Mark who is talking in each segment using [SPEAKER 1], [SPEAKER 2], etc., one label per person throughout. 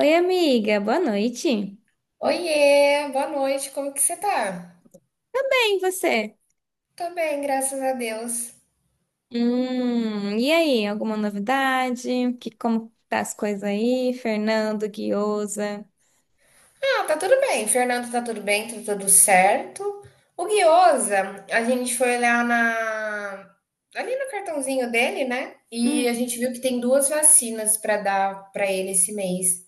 [SPEAKER 1] Oi, amiga, boa noite.
[SPEAKER 2] Oiê, boa noite, como que você tá?
[SPEAKER 1] E você?
[SPEAKER 2] Tô bem, graças a Deus.
[SPEAKER 1] E aí, alguma novidade? Como tá as coisas aí? Fernando, Guiosa.
[SPEAKER 2] Ah, tá tudo bem, Fernando tá tudo bem, tá tudo certo. O Guiosa, a gente foi olhar na... ali no cartãozinho dele, né? E
[SPEAKER 1] Hum,
[SPEAKER 2] a gente viu que tem duas vacinas pra dar pra ele esse mês.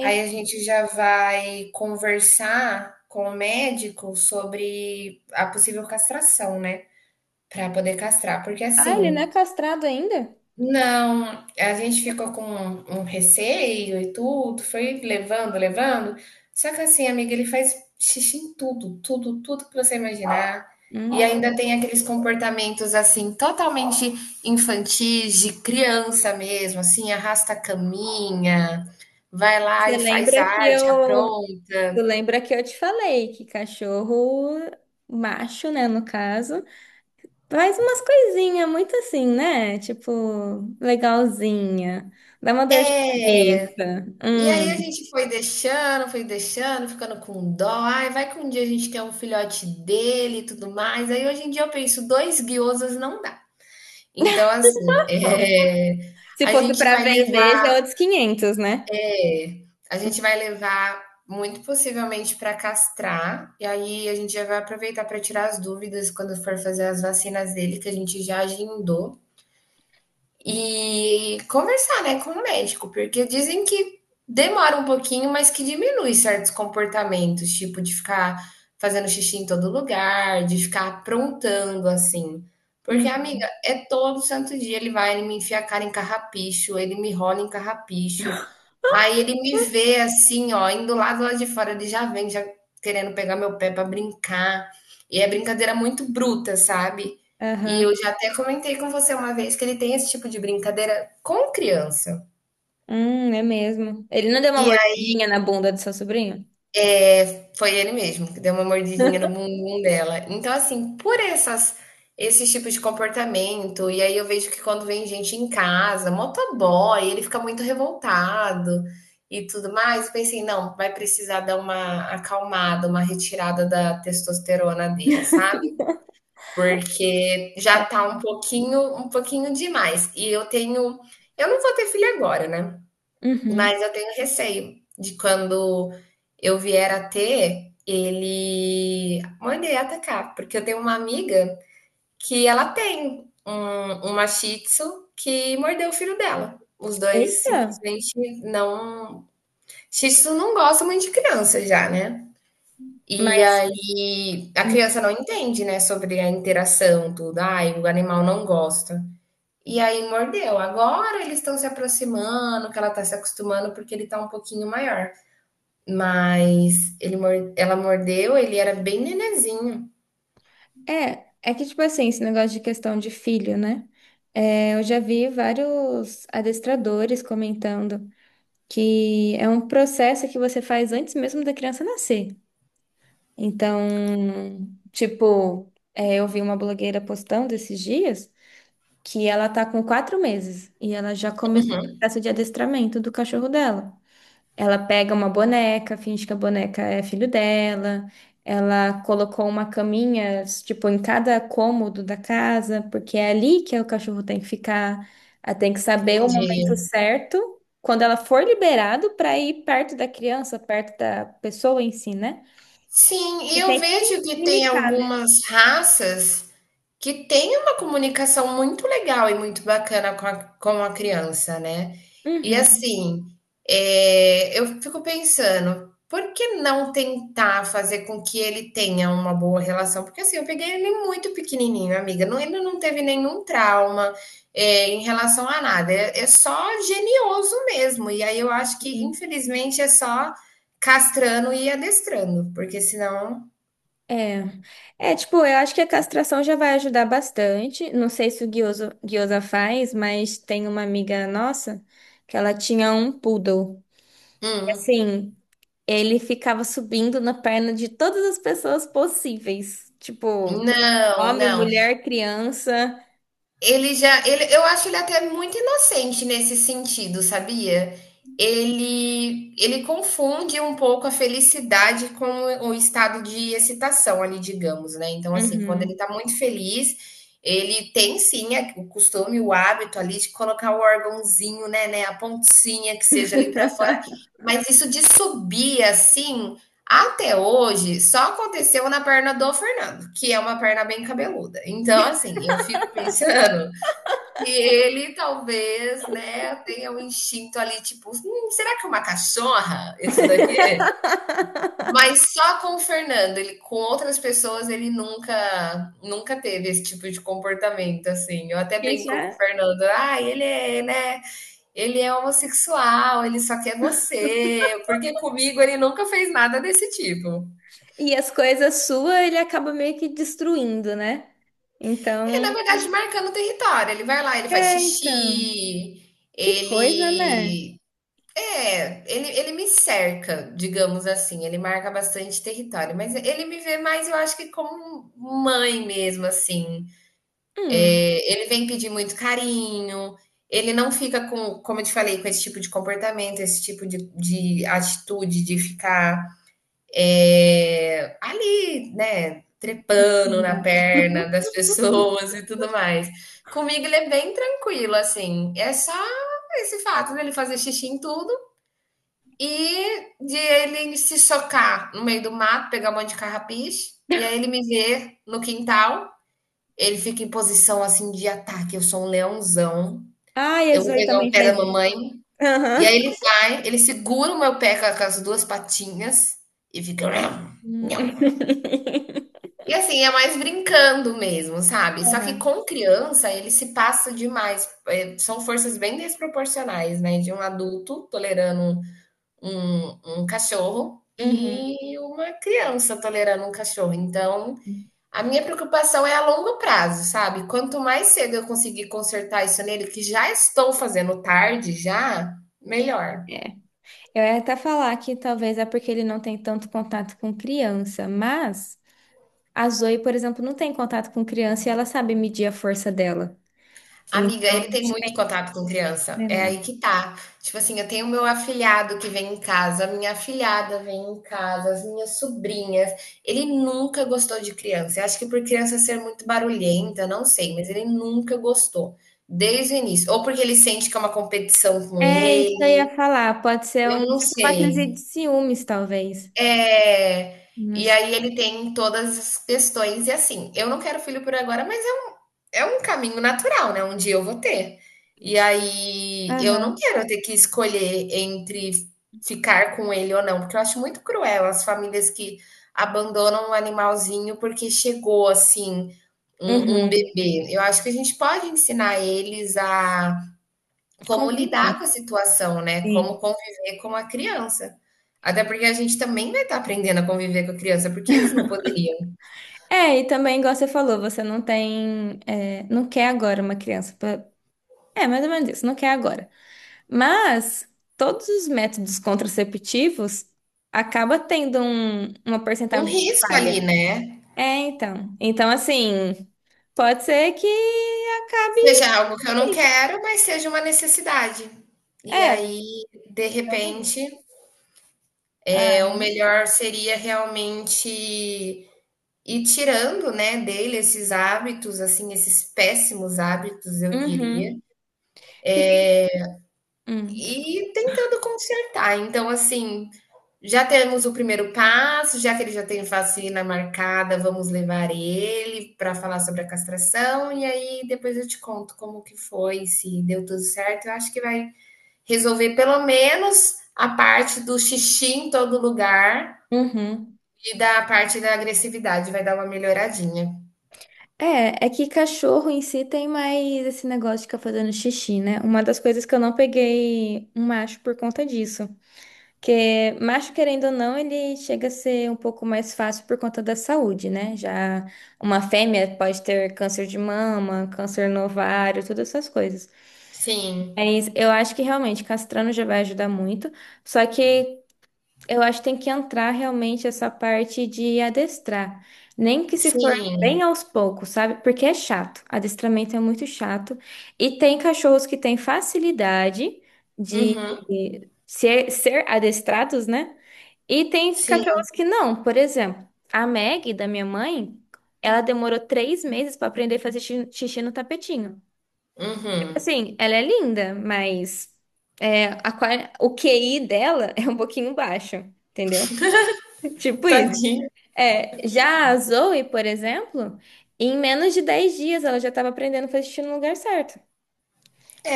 [SPEAKER 2] Aí a gente já vai conversar com o médico sobre a possível castração, né? Pra poder castrar, porque
[SPEAKER 1] Ah, ele não
[SPEAKER 2] assim.
[SPEAKER 1] é castrado ainda?
[SPEAKER 2] Não, a gente ficou com um receio e tudo, foi levando, levando. Só que assim, amiga, ele faz xixi em tudo, tudo, tudo que você imaginar. E ainda
[SPEAKER 1] Hum.
[SPEAKER 2] tem aqueles comportamentos assim, totalmente infantis, de criança mesmo, assim, arrasta a caminha, vai lá
[SPEAKER 1] Você
[SPEAKER 2] e faz
[SPEAKER 1] lembra que
[SPEAKER 2] arte,
[SPEAKER 1] eu,
[SPEAKER 2] apronta.
[SPEAKER 1] tu lembra que eu te falei que cachorro macho, né, no caso, faz umas coisinhas muito assim, né? Tipo, legalzinha. Dá uma dor de
[SPEAKER 2] É.
[SPEAKER 1] cabeça.
[SPEAKER 2] E aí a
[SPEAKER 1] Hum.
[SPEAKER 2] gente foi deixando, ficando com dó. Ai, vai que um dia a gente quer um filhote dele e tudo mais. Aí hoje em dia eu penso, dois guiosas não dá. Então, assim, é,
[SPEAKER 1] Se
[SPEAKER 2] a
[SPEAKER 1] fosse
[SPEAKER 2] gente
[SPEAKER 1] pra
[SPEAKER 2] vai
[SPEAKER 1] vender, já
[SPEAKER 2] levar,
[SPEAKER 1] é outros quinhentos, né?
[SPEAKER 2] é, a gente vai levar muito possivelmente para castrar. E aí a gente já vai aproveitar para tirar as dúvidas quando for fazer as vacinas dele, que a gente já agendou. E conversar, né, com o médico, porque dizem que demora um pouquinho, mas que diminui certos comportamentos, tipo de ficar fazendo xixi em todo lugar, de ficar aprontando assim. Porque,
[SPEAKER 1] Hum.
[SPEAKER 2] amiga, é todo santo dia ele vai, ele me enfia a cara em carrapicho, ele me rola em carrapicho. Aí ele me vê assim, ó, indo lá do lado de fora, ele já vem, já querendo pegar meu pé pra brincar. E é brincadeira muito bruta, sabe? E
[SPEAKER 1] Aham.
[SPEAKER 2] eu já até comentei com você uma vez que ele tem esse tipo de brincadeira com criança.
[SPEAKER 1] É mesmo. Ele não deu uma
[SPEAKER 2] E aí
[SPEAKER 1] mordidinha na bunda do seu sobrinho?
[SPEAKER 2] foi ele mesmo que deu uma mordidinha no bumbum dela. Então, assim, por essas esses tipos de comportamento, e aí eu vejo que quando vem gente em casa, motoboy, ele fica muito revoltado e tudo mais. Eu pensei, não, vai precisar dar uma acalmada, uma retirada da testosterona dele, sabe? Porque já tá um pouquinho demais. E eu tenho, eu não vou ter filho agora, né?
[SPEAKER 1] Uhum.
[SPEAKER 2] Mas eu tenho receio de quando eu vier a ter, ele manda ele atacar, porque eu tenho uma amiga que ela tem uma Shih Tzu que mordeu o filho dela. Os dois
[SPEAKER 1] Eita.
[SPEAKER 2] simplesmente não. Shih Tzu não gosta muito de criança já, né? E
[SPEAKER 1] Mas
[SPEAKER 2] aí a
[SPEAKER 1] Uhum.
[SPEAKER 2] criança não entende, né, sobre a interação, tudo. Ai, o animal não gosta. E aí mordeu. Agora eles estão se aproximando, que ela tá se acostumando porque ele tá um pouquinho maior. Mas ele, ela mordeu, ele era bem nenenzinho.
[SPEAKER 1] é, é que tipo assim, esse negócio de questão de filho, né? É, eu já vi vários adestradores comentando que é um processo que você faz antes mesmo da criança nascer. Então, tipo, eu vi uma blogueira postando esses dias, que ela tá com 4 meses e ela já começou o processo de adestramento do cachorro dela. Ela pega uma boneca, finge que a boneca é filho dela. Ela colocou uma caminha, tipo, em cada cômodo da casa, porque é ali que o cachorro tem que ficar. Ela tem que saber o momento
[SPEAKER 2] Entendi.
[SPEAKER 1] certo, quando ela for liberado, para ir perto da criança, perto da pessoa em si, né?
[SPEAKER 2] Sim, e
[SPEAKER 1] E
[SPEAKER 2] eu
[SPEAKER 1] tem que
[SPEAKER 2] vejo que tem
[SPEAKER 1] limitar, né?
[SPEAKER 2] algumas raças que tem uma comunicação muito legal e muito bacana com a criança, né? E
[SPEAKER 1] Uhum.
[SPEAKER 2] assim, é, eu fico pensando, por que não tentar fazer com que ele tenha uma boa relação? Porque assim, eu peguei ele muito pequenininho, amiga, não, ele não teve nenhum trauma é, em relação a nada, é, é só genioso mesmo. E aí eu acho que,
[SPEAKER 1] Sim.
[SPEAKER 2] infelizmente, é só castrando e adestrando, porque senão.
[SPEAKER 1] É, é tipo, eu acho que a castração já vai ajudar bastante. Não sei se o Guiosa faz, mas tem uma amiga nossa que ela tinha um poodle. E,
[SPEAKER 2] Hum.
[SPEAKER 1] assim, ele ficava subindo na perna de todas as pessoas possíveis, tipo,
[SPEAKER 2] Não,
[SPEAKER 1] homem,
[SPEAKER 2] não.
[SPEAKER 1] mulher, criança.
[SPEAKER 2] Ele já, ele, eu acho ele até muito inocente nesse sentido, sabia? Ele confunde um pouco a felicidade com o estado de excitação ali, digamos, né? Então, assim, quando ele
[SPEAKER 1] Uhum.
[SPEAKER 2] tá muito feliz, ele tem sim o costume, o hábito ali de colocar o órgãozinho, né, a pontinha que seja ali pra fora, mas isso de subir assim, até hoje, só aconteceu na perna do Fernando, que é uma perna bem cabeluda. Então, assim, eu fico pensando que ele talvez, né, tenha um instinto ali, tipo, será que é uma cachorra isso daqui? Mas só com o Fernando, ele com outras pessoas, ele nunca teve esse tipo de comportamento, assim. Eu até
[SPEAKER 1] E já
[SPEAKER 2] brinco com o Fernando, ah, ele é, né, ele é homossexual, ele só quer você, porque comigo ele nunca fez nada desse tipo.
[SPEAKER 1] e as coisas suas ele acaba meio que destruindo, né?
[SPEAKER 2] É,
[SPEAKER 1] Então,
[SPEAKER 2] na verdade, marcando o território. Ele vai lá, ele faz
[SPEAKER 1] então,
[SPEAKER 2] xixi,
[SPEAKER 1] que coisa, né?
[SPEAKER 2] ele. É, ele me cerca, digamos assim. Ele marca bastante território. Mas ele me vê mais, eu acho que como mãe mesmo, assim.
[SPEAKER 1] Hum.
[SPEAKER 2] É, ele vem pedir muito carinho. Ele não fica com, como eu te falei, com esse tipo de comportamento, esse tipo de atitude de ficar é, ali, né,
[SPEAKER 1] Em
[SPEAKER 2] trepando na
[SPEAKER 1] cima.
[SPEAKER 2] perna das pessoas e tudo mais. Comigo ele é bem tranquilo, assim. É só esse fato dele fazer xixi em tudo e de ele se socar no meio do mato, pegar um monte de carrapiche, e aí ele me vê no quintal, ele fica em posição assim de ataque. Eu sou um leãozão.
[SPEAKER 1] Ah,
[SPEAKER 2] Eu vou
[SPEAKER 1] Jesus
[SPEAKER 2] pegar o
[SPEAKER 1] também
[SPEAKER 2] pé da
[SPEAKER 1] faz isso.
[SPEAKER 2] mamãe. E
[SPEAKER 1] Aham.
[SPEAKER 2] aí ele vai, ele segura o meu pé com as duas patinhas e fica.
[SPEAKER 1] Uhum.
[SPEAKER 2] E assim, é mais brincando mesmo, sabe. Só que
[SPEAKER 1] Aham.
[SPEAKER 2] com criança ele se passa demais, são forças bem desproporcionais, né, de um adulto tolerando um cachorro
[SPEAKER 1] Uhum.
[SPEAKER 2] e uma criança tolerando um cachorro. Então, a minha preocupação é a longo prazo, sabe. Quanto mais cedo eu conseguir consertar isso nele, que já estou fazendo tarde já, melhor.
[SPEAKER 1] É. Eu ia até falar que talvez é porque ele não tem tanto contato com criança, mas a Zoe, por exemplo, não tem contato com criança e ela sabe medir a força dela.
[SPEAKER 2] Amiga,
[SPEAKER 1] Então,
[SPEAKER 2] ele tem
[SPEAKER 1] acho que
[SPEAKER 2] muito
[SPEAKER 1] vai
[SPEAKER 2] contato com criança. É
[SPEAKER 1] treinar.
[SPEAKER 2] aí que tá. Tipo assim, eu tenho o meu afilhado que vem em casa, a minha afilhada vem em casa, as minhas sobrinhas. Ele nunca gostou de criança. Eu acho que por criança ser muito barulhenta, eu não sei, mas ele nunca gostou. Desde o início. Ou porque ele sente que é uma competição com
[SPEAKER 1] É isso que eu ia
[SPEAKER 2] ele.
[SPEAKER 1] falar. Pode ser
[SPEAKER 2] Eu
[SPEAKER 1] um
[SPEAKER 2] não
[SPEAKER 1] tipo uma
[SPEAKER 2] sei.
[SPEAKER 1] crise de ciúmes, talvez.
[SPEAKER 2] É. E
[SPEAKER 1] Mas...
[SPEAKER 2] aí ele tem todas as questões. E assim, eu não quero filho por agora, mas é um caminho natural, né, um dia eu vou ter. E aí eu não
[SPEAKER 1] Aham.
[SPEAKER 2] quero ter que escolher entre ficar com ele ou não, porque eu acho muito cruel as famílias que abandonam um animalzinho porque chegou, assim, um
[SPEAKER 1] Uhum.
[SPEAKER 2] bebê. Eu acho que a gente pode ensinar eles a como
[SPEAKER 1] Conviver.
[SPEAKER 2] lidar com a situação, né,
[SPEAKER 1] Sim.
[SPEAKER 2] como conviver com a criança. Até porque a gente também vai estar aprendendo a conviver com a criança, porque eles não poderiam.
[SPEAKER 1] É, e também, igual você falou, você não tem, é, não quer agora uma criança. É, mais ou menos isso, não quer agora. Mas todos os métodos contraceptivos acaba tendo um- uma
[SPEAKER 2] Um
[SPEAKER 1] porcentagem de
[SPEAKER 2] risco
[SPEAKER 1] falha.
[SPEAKER 2] ali, né.
[SPEAKER 1] É, então. Então, assim, pode ser que
[SPEAKER 2] Seja
[SPEAKER 1] acabe.
[SPEAKER 2] algo que eu não quero, mas seja uma necessidade. E
[SPEAKER 1] É,
[SPEAKER 2] aí, de
[SPEAKER 1] realmente.
[SPEAKER 2] repente, é, o
[SPEAKER 1] Ah,
[SPEAKER 2] melhor seria realmente ir tirando, né, dele esses hábitos, assim, esses péssimos hábitos, eu diria,
[SPEAKER 1] uhum. Fiquei. Hum,
[SPEAKER 2] e tentando consertar. Então, assim, já temos o primeiro passo, já que ele já tem vacina marcada, vamos levar ele para falar sobre a castração, e aí depois eu te conto como que foi, se deu tudo certo. Eu acho que vai resolver pelo menos a parte do xixi em todo lugar
[SPEAKER 1] uhum.
[SPEAKER 2] e da parte da agressividade, vai dar uma melhoradinha.
[SPEAKER 1] É, é que cachorro em si tem mais esse negócio de ficar fazendo xixi, né? Uma das coisas que eu não peguei um macho por conta disso. Porque macho, querendo ou não, ele chega a ser um pouco mais fácil por conta da saúde, né? Já uma fêmea pode ter câncer de mama, câncer no ovário, todas essas coisas.
[SPEAKER 2] Sim,
[SPEAKER 1] Mas eu acho que realmente castrando já vai ajudar muito. Só que eu acho que tem que entrar realmente essa parte de adestrar. Nem que se for
[SPEAKER 2] sim,
[SPEAKER 1] bem aos poucos, sabe? Porque é chato. Adestramento é muito chato. E tem cachorros que têm facilidade de
[SPEAKER 2] uhum,
[SPEAKER 1] ser adestrados, né? E tem
[SPEAKER 2] sim,
[SPEAKER 1] cachorros que não. Por exemplo, a Maggie, da minha mãe, ela demorou 3 meses para aprender a fazer xixi no tapetinho. Tipo
[SPEAKER 2] uhum.
[SPEAKER 1] assim, ela é linda, mas o QI dela é um pouquinho baixo, entendeu? Tipo isso.
[SPEAKER 2] Tadinho.
[SPEAKER 1] É, já a Zoe, por exemplo, em menos de 10 dias ela já estava aprendendo a fazer xixi no lugar certo.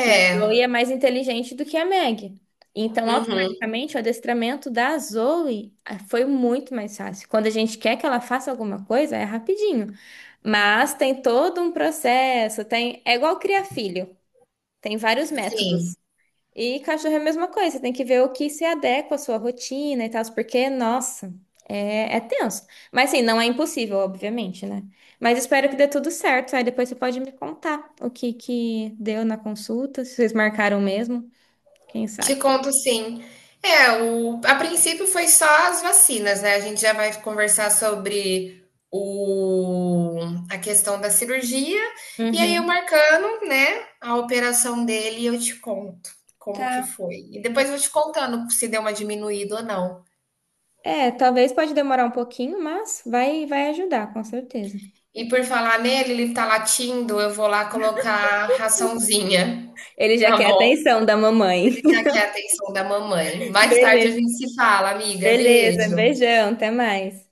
[SPEAKER 1] Que a Zoe é mais inteligente do que a Meg. Então,
[SPEAKER 2] uhum,
[SPEAKER 1] automaticamente, o adestramento da Zoe foi muito mais fácil. Quando a gente quer que ela faça alguma coisa, é rapidinho. Mas tem todo um processo, tem... É igual criar filho. Tem vários
[SPEAKER 2] sim.
[SPEAKER 1] métodos. E cachorro é a mesma coisa, você tem que ver o que se adequa à sua rotina e tal, porque, nossa, é tenso. Mas assim, não é impossível, obviamente, né? Mas espero que dê tudo certo. Aí depois você pode me contar o que que deu na consulta, se vocês marcaram mesmo, quem
[SPEAKER 2] Te
[SPEAKER 1] sabe.
[SPEAKER 2] conto sim. É, o, a princípio foi só as vacinas, né? A gente já vai conversar sobre o, a questão da cirurgia. E aí, eu
[SPEAKER 1] Uhum.
[SPEAKER 2] marcando, né, a operação dele, e eu te conto como que
[SPEAKER 1] Tá.
[SPEAKER 2] foi. E depois eu vou te contando se deu uma diminuída ou não.
[SPEAKER 1] É, talvez pode demorar um pouquinho, mas vai, vai ajudar, com certeza.
[SPEAKER 2] E por falar nele, ele tá latindo, eu vou lá colocar raçãozinha,
[SPEAKER 1] Ele já
[SPEAKER 2] tá
[SPEAKER 1] quer a
[SPEAKER 2] bom?
[SPEAKER 1] atenção da mamãe.
[SPEAKER 2] Já que é a atenção da mamãe. Mais tarde a
[SPEAKER 1] Beleza,
[SPEAKER 2] gente se fala, amiga.
[SPEAKER 1] beleza.
[SPEAKER 2] Beijo.
[SPEAKER 1] Beijão, até mais.